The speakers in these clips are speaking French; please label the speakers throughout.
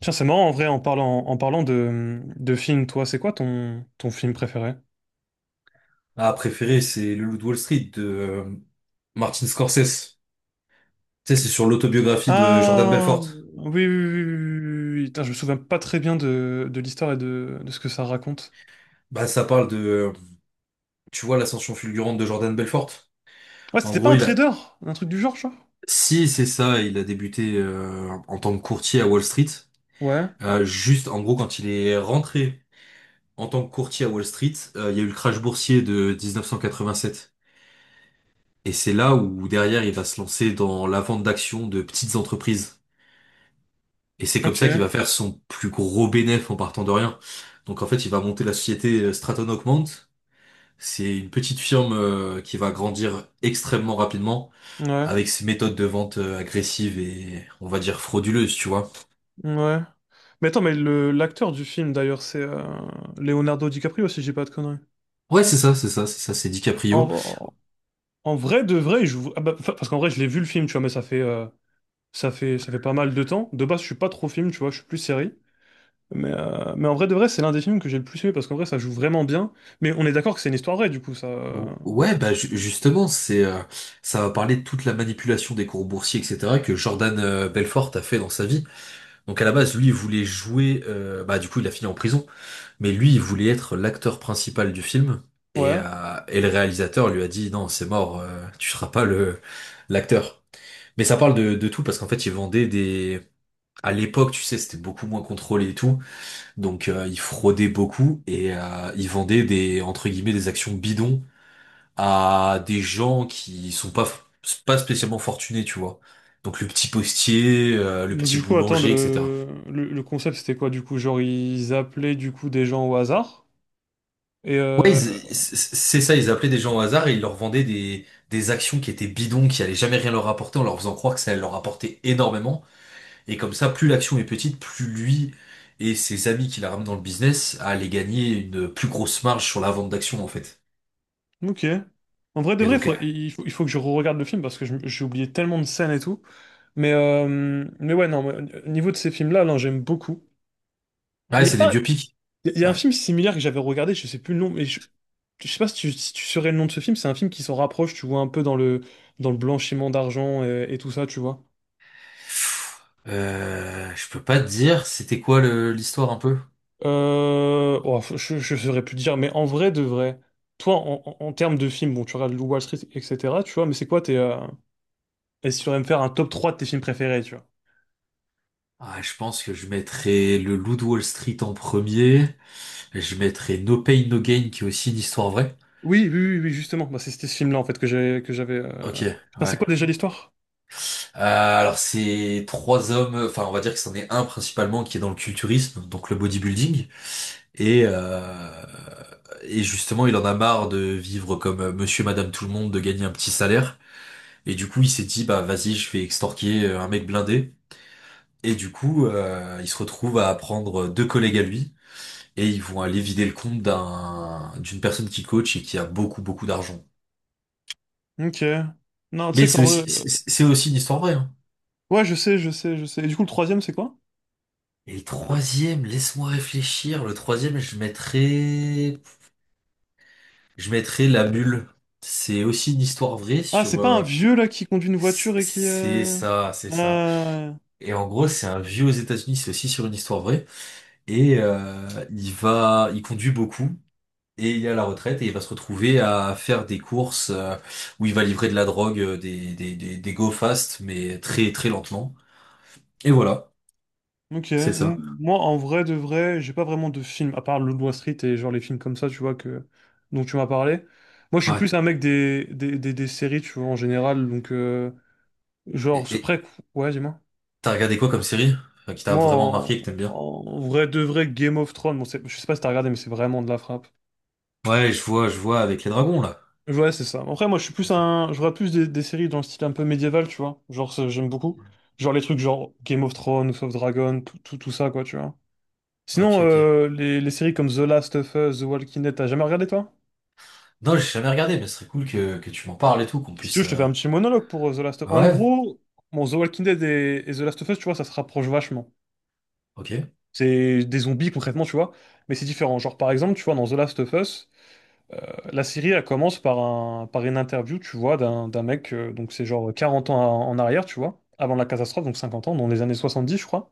Speaker 1: Tiens, c'est marrant en vrai, en parlant de film, toi, c'est quoi ton film préféré?
Speaker 2: Ah, préféré, c'est Le Loup de Wall Street de Martin Scorsese. Tu sais, c'est sur l'autobiographie de Jordan
Speaker 1: Ah,
Speaker 2: Belfort.
Speaker 1: oui, oui, oui, oui, oui. Putain, je me souviens pas très bien de l'histoire et de ce que ça raconte.
Speaker 2: Bah, ça parle de, tu vois, l'ascension fulgurante de Jordan Belfort.
Speaker 1: Ouais,
Speaker 2: En
Speaker 1: c'était pas
Speaker 2: gros,
Speaker 1: un trader, un truc du genre, genre?
Speaker 2: si c'est ça, il a débuté en tant que courtier à Wall Street.
Speaker 1: Ouais,
Speaker 2: Juste, en gros, quand il est rentré en tant que courtier à Wall Street, il y a eu le crash boursier de 1987. Et c'est là où derrière, il va se lancer dans la vente d'actions de petites entreprises. Et c'est comme
Speaker 1: ok,
Speaker 2: ça qu'il va faire son plus gros bénéfice en partant de rien. Donc en fait, il va monter la société Stratton Augment. C'est une petite firme qui va grandir extrêmement rapidement
Speaker 1: ouais,
Speaker 2: avec ses méthodes de vente agressives et on va dire frauduleuses, tu vois.
Speaker 1: ouais. Mais attends, mais le l'acteur du film, d'ailleurs, c'est Leonardo DiCaprio, si j'ai pas de conneries.
Speaker 2: Ouais, c'est ça, c'est DiCaprio.
Speaker 1: En, en vrai, de vrai, il joue... Ah bah, enfin, parce qu'en vrai, je l'ai vu le film, tu vois, mais ça fait pas mal de temps. De base, je suis pas trop film, tu vois, je suis plus série. Mais en vrai de vrai, c'est l'un des films que j'ai le plus aimé parce qu'en vrai, ça joue vraiment bien. Mais on est d'accord que c'est une histoire vraie, du coup, ça.
Speaker 2: Ouais, bah justement, c'est ça va parler de toute la manipulation des cours boursiers, etc. que Jordan Belfort a fait dans sa vie. Donc à la base, lui, il voulait jouer. Bah du coup, il a fini en prison. Mais lui, il voulait être l'acteur principal du film. Et, euh,
Speaker 1: Ouais.
Speaker 2: et le réalisateur lui a dit, non, c'est mort, tu seras pas le l'acteur. Mais ça parle de tout parce qu'en fait, il vendait des... À l'époque, tu sais, c'était beaucoup moins contrôlé et tout. Donc, il fraudait beaucoup et il vendait des, entre guillemets, des actions bidons à des gens qui sont pas, pas spécialement fortunés, tu vois. Donc, le petit postier, le
Speaker 1: Mais
Speaker 2: petit
Speaker 1: du coup, attends,
Speaker 2: boulanger, etc.
Speaker 1: le concept, c'était quoi, du coup? Genre, ils appelaient, du coup, des gens au hasard. Et,
Speaker 2: Ouais,
Speaker 1: euh,
Speaker 2: c'est ça, ils appelaient des gens au hasard et ils leur vendaient des actions qui étaient bidons, qui allaient jamais rien leur apporter, en leur faisant croire que ça allait leur apporter énormément. Et comme ça, plus l'action est petite, plus lui et ses amis qui la ramènent dans le business allaient gagner une plus grosse marge sur la vente d'actions, en fait.
Speaker 1: ok. En vrai de
Speaker 2: Et
Speaker 1: vrai,
Speaker 2: donc,
Speaker 1: il faut que je re-regarde le film parce que j'ai oublié tellement de scènes et tout. Non, niveau de ces films-là, non, j'aime beaucoup. Il
Speaker 2: ouais,
Speaker 1: y a
Speaker 2: c'est des
Speaker 1: pas,
Speaker 2: biopics.
Speaker 1: Il y a un
Speaker 2: Ouais.
Speaker 1: film similaire que j'avais regardé, je sais plus le nom, je sais pas si tu saurais le nom de ce film, c'est un film qui s'en rapproche, tu vois, un peu dans le blanchiment d'argent et tout ça, tu vois.
Speaker 2: Je peux pas te dire, c'était quoi l'histoire un peu?
Speaker 1: Je saurais plus te dire, mais en vrai de vrai, toi, en termes de films, bon, tu regardes Wall Street, etc., tu vois, mais c'est quoi tes... Est-ce que tu saurais me faire un top 3 de tes films préférés, tu vois?
Speaker 2: Ah, je pense que je mettrais le Loup de Wall Street en premier. Je mettrais No Pain No Gain, qui est aussi une histoire vraie.
Speaker 1: Oui, oui, oui, oui, justement, bah, c'était ce film-là, en fait, que j'avais...
Speaker 2: Ok,
Speaker 1: Putain, c'est
Speaker 2: ouais.
Speaker 1: quoi déjà l'histoire?
Speaker 2: Alors c'est trois hommes, enfin on va dire que c'en est un principalement qui est dans le culturisme, donc le bodybuilding, et euh, et justement il en a marre de vivre comme monsieur, madame tout le monde, de gagner un petit salaire, et du coup il s'est dit bah vas-y je vais extorquer un mec blindé, et du coup il se retrouve à prendre deux collègues à lui, et ils vont aller vider le compte d'une personne qui coach et qui a beaucoup beaucoup d'argent.
Speaker 1: Ok. Non, tu
Speaker 2: Mais
Speaker 1: sais
Speaker 2: c'est
Speaker 1: qu'en vrai...
Speaker 2: aussi
Speaker 1: euh,
Speaker 2: c'est c'est aussi une histoire vraie, hein.
Speaker 1: Ouais, je sais, je sais, je sais. Et du coup, le troisième, c'est quoi?
Speaker 2: Et le troisième, laisse-moi réfléchir. Le troisième, je mettrais La Bulle. C'est aussi une histoire vraie
Speaker 1: Ah, c'est
Speaker 2: sur,
Speaker 1: pas un vieux là qui conduit une voiture
Speaker 2: c'est
Speaker 1: et qui.
Speaker 2: c'est
Speaker 1: euh,
Speaker 2: ça, c'est ça.
Speaker 1: euh,
Speaker 2: Et en gros, c'est un vieux aux États-Unis, c'est aussi sur une histoire vraie. Et il conduit beaucoup. Et il est à la retraite et il va se retrouver à faire des courses où il va livrer de la drogue, des go fast, mais très très lentement. Et voilà,
Speaker 1: Ok.
Speaker 2: c'est ça.
Speaker 1: Moi, en vrai de vrai, j'ai pas vraiment de film, à part Le Wall Street et genre les films comme ça, tu vois, que... dont tu m'as parlé. Moi, je suis
Speaker 2: Ouais.
Speaker 1: plus un mec des séries, tu vois, en général. Genre,
Speaker 2: Et
Speaker 1: c'est-
Speaker 2: et
Speaker 1: après, ouais, dis-moi.
Speaker 2: t'as regardé quoi comme série, qui t'a
Speaker 1: Moi,
Speaker 2: vraiment
Speaker 1: en...
Speaker 2: marqué, que t'aimes bien?
Speaker 1: en vrai de vrai, Game of Thrones, bon, je sais pas si t'as regardé, mais c'est vraiment de la frappe.
Speaker 2: Ouais, je vois avec les dragons là.
Speaker 1: Ouais, c'est ça. Après, moi, je suis plus
Speaker 2: Ok,
Speaker 1: un. Je regarde plus des séries dans le style un peu médiéval, tu vois. Genre, ça, j'aime beaucoup. Genre les trucs genre Game of Thrones, House of Dragon, tout ça, quoi, tu vois.
Speaker 2: ok,
Speaker 1: Sinon,
Speaker 2: ok.
Speaker 1: les séries comme The Last of Us, The Walking Dead, t'as jamais regardé, toi?
Speaker 2: Non, j'ai jamais regardé, mais ce serait cool que tu m'en parles et tout, qu'on
Speaker 1: Si tu veux,
Speaker 2: puisse.
Speaker 1: je te fais un petit monologue pour The Last of
Speaker 2: Ah
Speaker 1: Us. En
Speaker 2: ouais,
Speaker 1: gros, bon, The Walking Dead et The Last of Us, tu vois, ça se rapproche vachement.
Speaker 2: ok,
Speaker 1: C'est des zombies, concrètement, tu vois. Mais c'est différent. Genre, par exemple, tu vois, dans The Last of Us. Euh, La série, elle commence par un, par une interview, tu vois, d'un mec, donc c'est genre 40 ans en arrière, tu vois, avant la catastrophe, donc 50 ans, dans les années 70, je crois.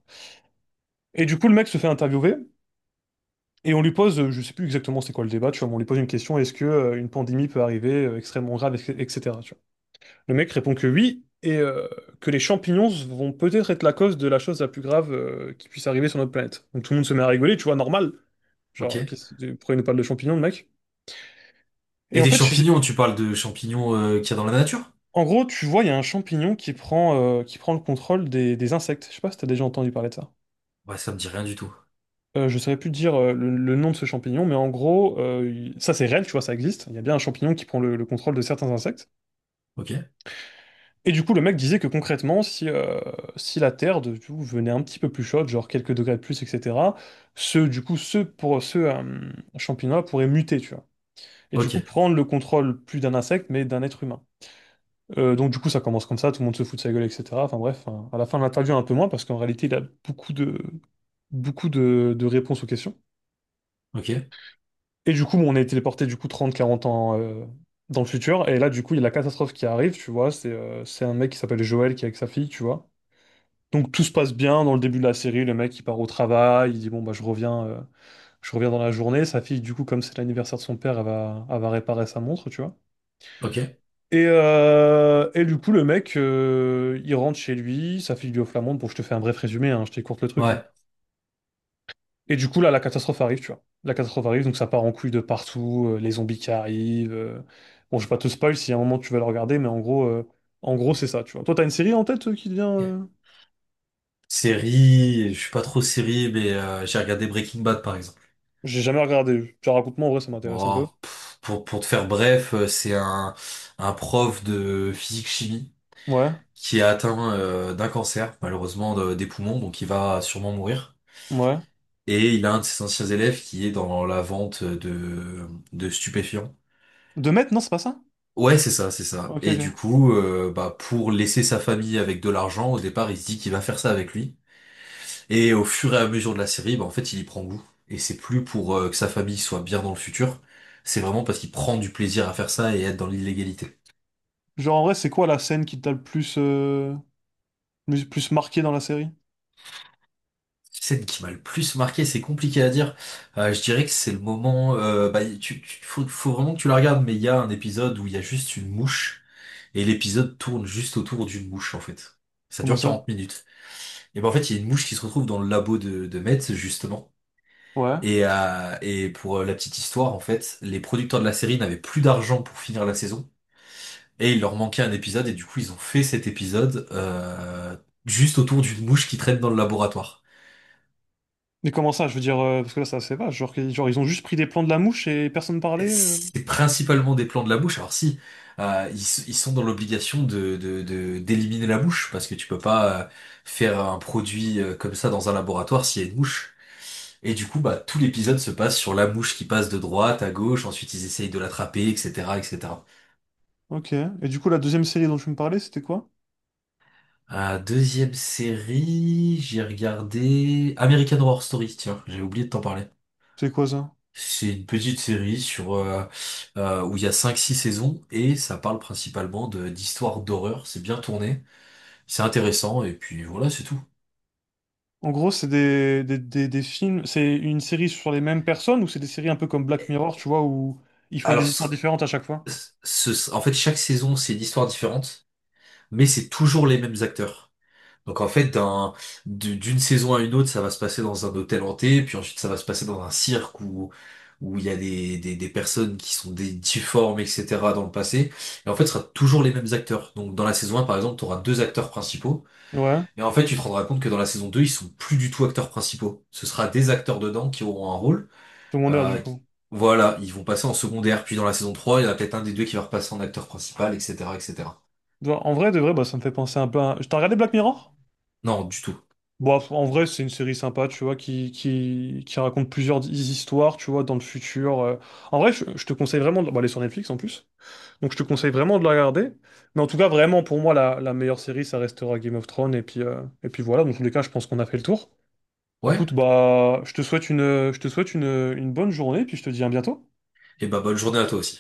Speaker 1: Et du coup, le mec se fait interviewer, et on lui pose, je sais plus exactement c'est quoi le débat, tu vois, mais on lui pose une question, est-ce que une pandémie peut arriver extrêmement grave, etc. tu vois. Le mec répond que oui, et que les champignons vont peut-être être la cause de la chose la plus grave qui puisse arriver sur notre planète. Donc tout le monde se met à rigoler, tu vois, normal. Genre,
Speaker 2: ok.
Speaker 1: pourquoi il nous parle de champignons, le mec? Et
Speaker 2: Et
Speaker 1: en
Speaker 2: des
Speaker 1: fait, je
Speaker 2: champignons, tu parles de champignons qu'il y a dans la nature?
Speaker 1: En gros, tu vois, il y a un champignon qui prend le contrôle des insectes. Je sais pas si t'as déjà entendu parler de ça.
Speaker 2: Ouais, ça me dit rien du tout.
Speaker 1: Je saurais plus te dire le nom de ce champignon, mais en gros, ça c'est réel, tu vois, ça existe. Il y a bien un champignon qui prend le contrôle de certains insectes.
Speaker 2: Ok,
Speaker 1: Et du coup, le mec disait que concrètement, si la Terre du coup, venait un petit peu plus chaude, genre quelques degrés de plus, etc., ce, du coup, ce, pour, ce champignon-là pourrait muter, tu vois. Et du coup,
Speaker 2: ok,
Speaker 1: prendre le contrôle plus d'un insecte, mais d'un être humain. Donc du coup, ça commence comme ça, tout le monde se fout de sa gueule, etc. Enfin bref, hein. À la fin de l'interview, un peu moins, parce qu'en réalité, il a beaucoup de, beaucoup de réponses aux questions.
Speaker 2: ok,
Speaker 1: Et du coup, bon, on est téléporté du coup 30-40 ans dans le futur. Et là, du coup, il y a la catastrophe qui arrive, tu vois. C'est un mec qui s'appelle Joël qui est avec sa fille, tu vois. Donc tout se passe bien dans le début de la série. Le mec, il part au travail, il dit, bon, bah, je reviens dans la journée. Sa fille, du coup, comme c'est l'anniversaire de son père, elle va réparer sa montre, tu vois.
Speaker 2: ok.
Speaker 1: Et du coup, le mec, il rentre chez lui, sa fille lui offre la montre. Bon, je te fais un bref résumé, hein, je t'écourte le truc. Hein.
Speaker 2: Ouais.
Speaker 1: Et du coup, là, la catastrophe arrive, tu vois. La catastrophe arrive, donc ça part en couille de partout, les zombies qui arrivent. Bon, je vais pas te spoil si à un moment tu veux le regarder, mais en gros, c'est ça, tu vois. Toi, t'as une série en tête qui devient...
Speaker 2: Ok. Série, je suis pas trop série, mais j'ai regardé Breaking Bad par exemple.
Speaker 1: J'ai jamais regardé. Genre, raconte-moi, en vrai, ça m'intéresse un peu.
Speaker 2: Bon, pff, pour te faire bref, un prof de physique-chimie
Speaker 1: Ouais,
Speaker 2: qui est atteint d'un cancer, malheureusement des poumons, donc il va sûrement mourir.
Speaker 1: ouais.
Speaker 2: Et il a un de ses anciens élèves qui est dans la vente de stupéfiants.
Speaker 1: De mettre, non, c'est pas ça?
Speaker 2: Ouais, c'est ça.
Speaker 1: Ok,
Speaker 2: Et du
Speaker 1: ok.
Speaker 2: coup, bah, pour laisser sa famille avec de l'argent, au départ, il se dit qu'il va faire ça avec lui. Et au fur et à mesure de la série, bah, en fait, il y prend goût. Et c'est plus pour que sa famille soit bien dans le futur. C'est vraiment parce qu'il prend du plaisir à faire ça et être dans l'illégalité.
Speaker 1: Genre, en vrai, c'est quoi la scène qui t'a le plus marqué dans la série?
Speaker 2: Scène qui m'a le plus marqué, c'est compliqué à dire. Je dirais que c'est le moment. Bah, faut vraiment que tu la regardes, mais il y a un épisode où il y a juste une mouche. Et l'épisode tourne juste autour d'une mouche, en fait. Ça
Speaker 1: Comment
Speaker 2: dure
Speaker 1: ça?
Speaker 2: 40 minutes. Et ben en fait, il y a une mouche qui se retrouve dans le labo de Metz, justement.
Speaker 1: Ouais.
Speaker 2: Et pour la petite histoire, en fait, les producteurs de la série n'avaient plus d'argent pour finir la saison. Et il leur manquait un épisode, et du coup, ils ont fait cet épisode juste autour d'une mouche qui traîne dans le laboratoire.
Speaker 1: Mais comment ça, je veux dire, parce que là, ça, c'est vache. Genre, genre, ils ont juste pris des plans de la mouche et personne parlait.
Speaker 2: C'est principalement des plans de la mouche. Alors si, ils sont dans l'obligation d'éliminer la mouche, parce que tu peux pas faire un produit comme ça dans un laboratoire s'il y a une mouche. Et du coup, bah, tout l'épisode se passe sur la mouche qui passe de droite à gauche, ensuite ils essayent de l'attraper, etc., etc.
Speaker 1: Ok. Et du coup, la deuxième série dont tu me parlais, c'était quoi?
Speaker 2: Deuxième série, j'ai regardé American Horror Story, tiens, j'ai oublié de t'en parler.
Speaker 1: C'est quoi ça?
Speaker 2: C'est une petite série sur où il y a 5, 6 saisons et ça parle principalement de d'histoires d'horreur, c'est bien tourné, c'est intéressant et puis voilà, c'est tout.
Speaker 1: En gros, c'est des, des films, c'est une série sur les mêmes personnes ou c'est des séries un peu comme Black Mirror, tu vois, où ils font
Speaker 2: Alors,
Speaker 1: des histoires différentes à chaque fois?
Speaker 2: en fait, chaque saison, c'est une histoire différente, mais c'est toujours les mêmes acteurs. Donc en fait, d'une saison à une autre, ça va se passer dans un hôtel hanté, puis ensuite ça va se passer dans un cirque où il y a des personnes qui sont des difformes, etc. dans le passé. Et en fait, ce sera toujours les mêmes acteurs. Donc dans la saison un, par exemple, tu auras deux acteurs principaux.
Speaker 1: Ouais,
Speaker 2: Et en fait, tu te rendras compte que dans la saison 2, ils sont plus du tout acteurs principaux. Ce sera des acteurs dedans qui auront un rôle.
Speaker 1: secondaire du
Speaker 2: Euh, qui-
Speaker 1: coup.
Speaker 2: voilà, ils vont passer en secondaire. Puis dans la saison 3, il y en a peut-être un des deux qui va repasser en acteur principal, etc., etc.
Speaker 1: Bah, en vrai, de vrai, bah, ça me fait penser un peu à... T'as regardé Black Mirror?
Speaker 2: Non, du tout.
Speaker 1: Bon, en vrai, c'est une série sympa, tu vois, qui raconte plusieurs histoires, tu vois, dans le futur. En vrai, je te conseille vraiment de... Bah, elle est sur Netflix en plus. Donc je te conseille vraiment de la regarder. Mais en tout cas, vraiment, pour moi, la meilleure série, ça restera Game of Thrones. Et puis voilà, dans tous les cas, je pense qu'on a fait le tour.
Speaker 2: Ouais.
Speaker 1: Écoute, bah, je te souhaite une, je te souhaite une bonne journée, puis je te dis à bientôt.
Speaker 2: Et bah bonne journée à toi aussi.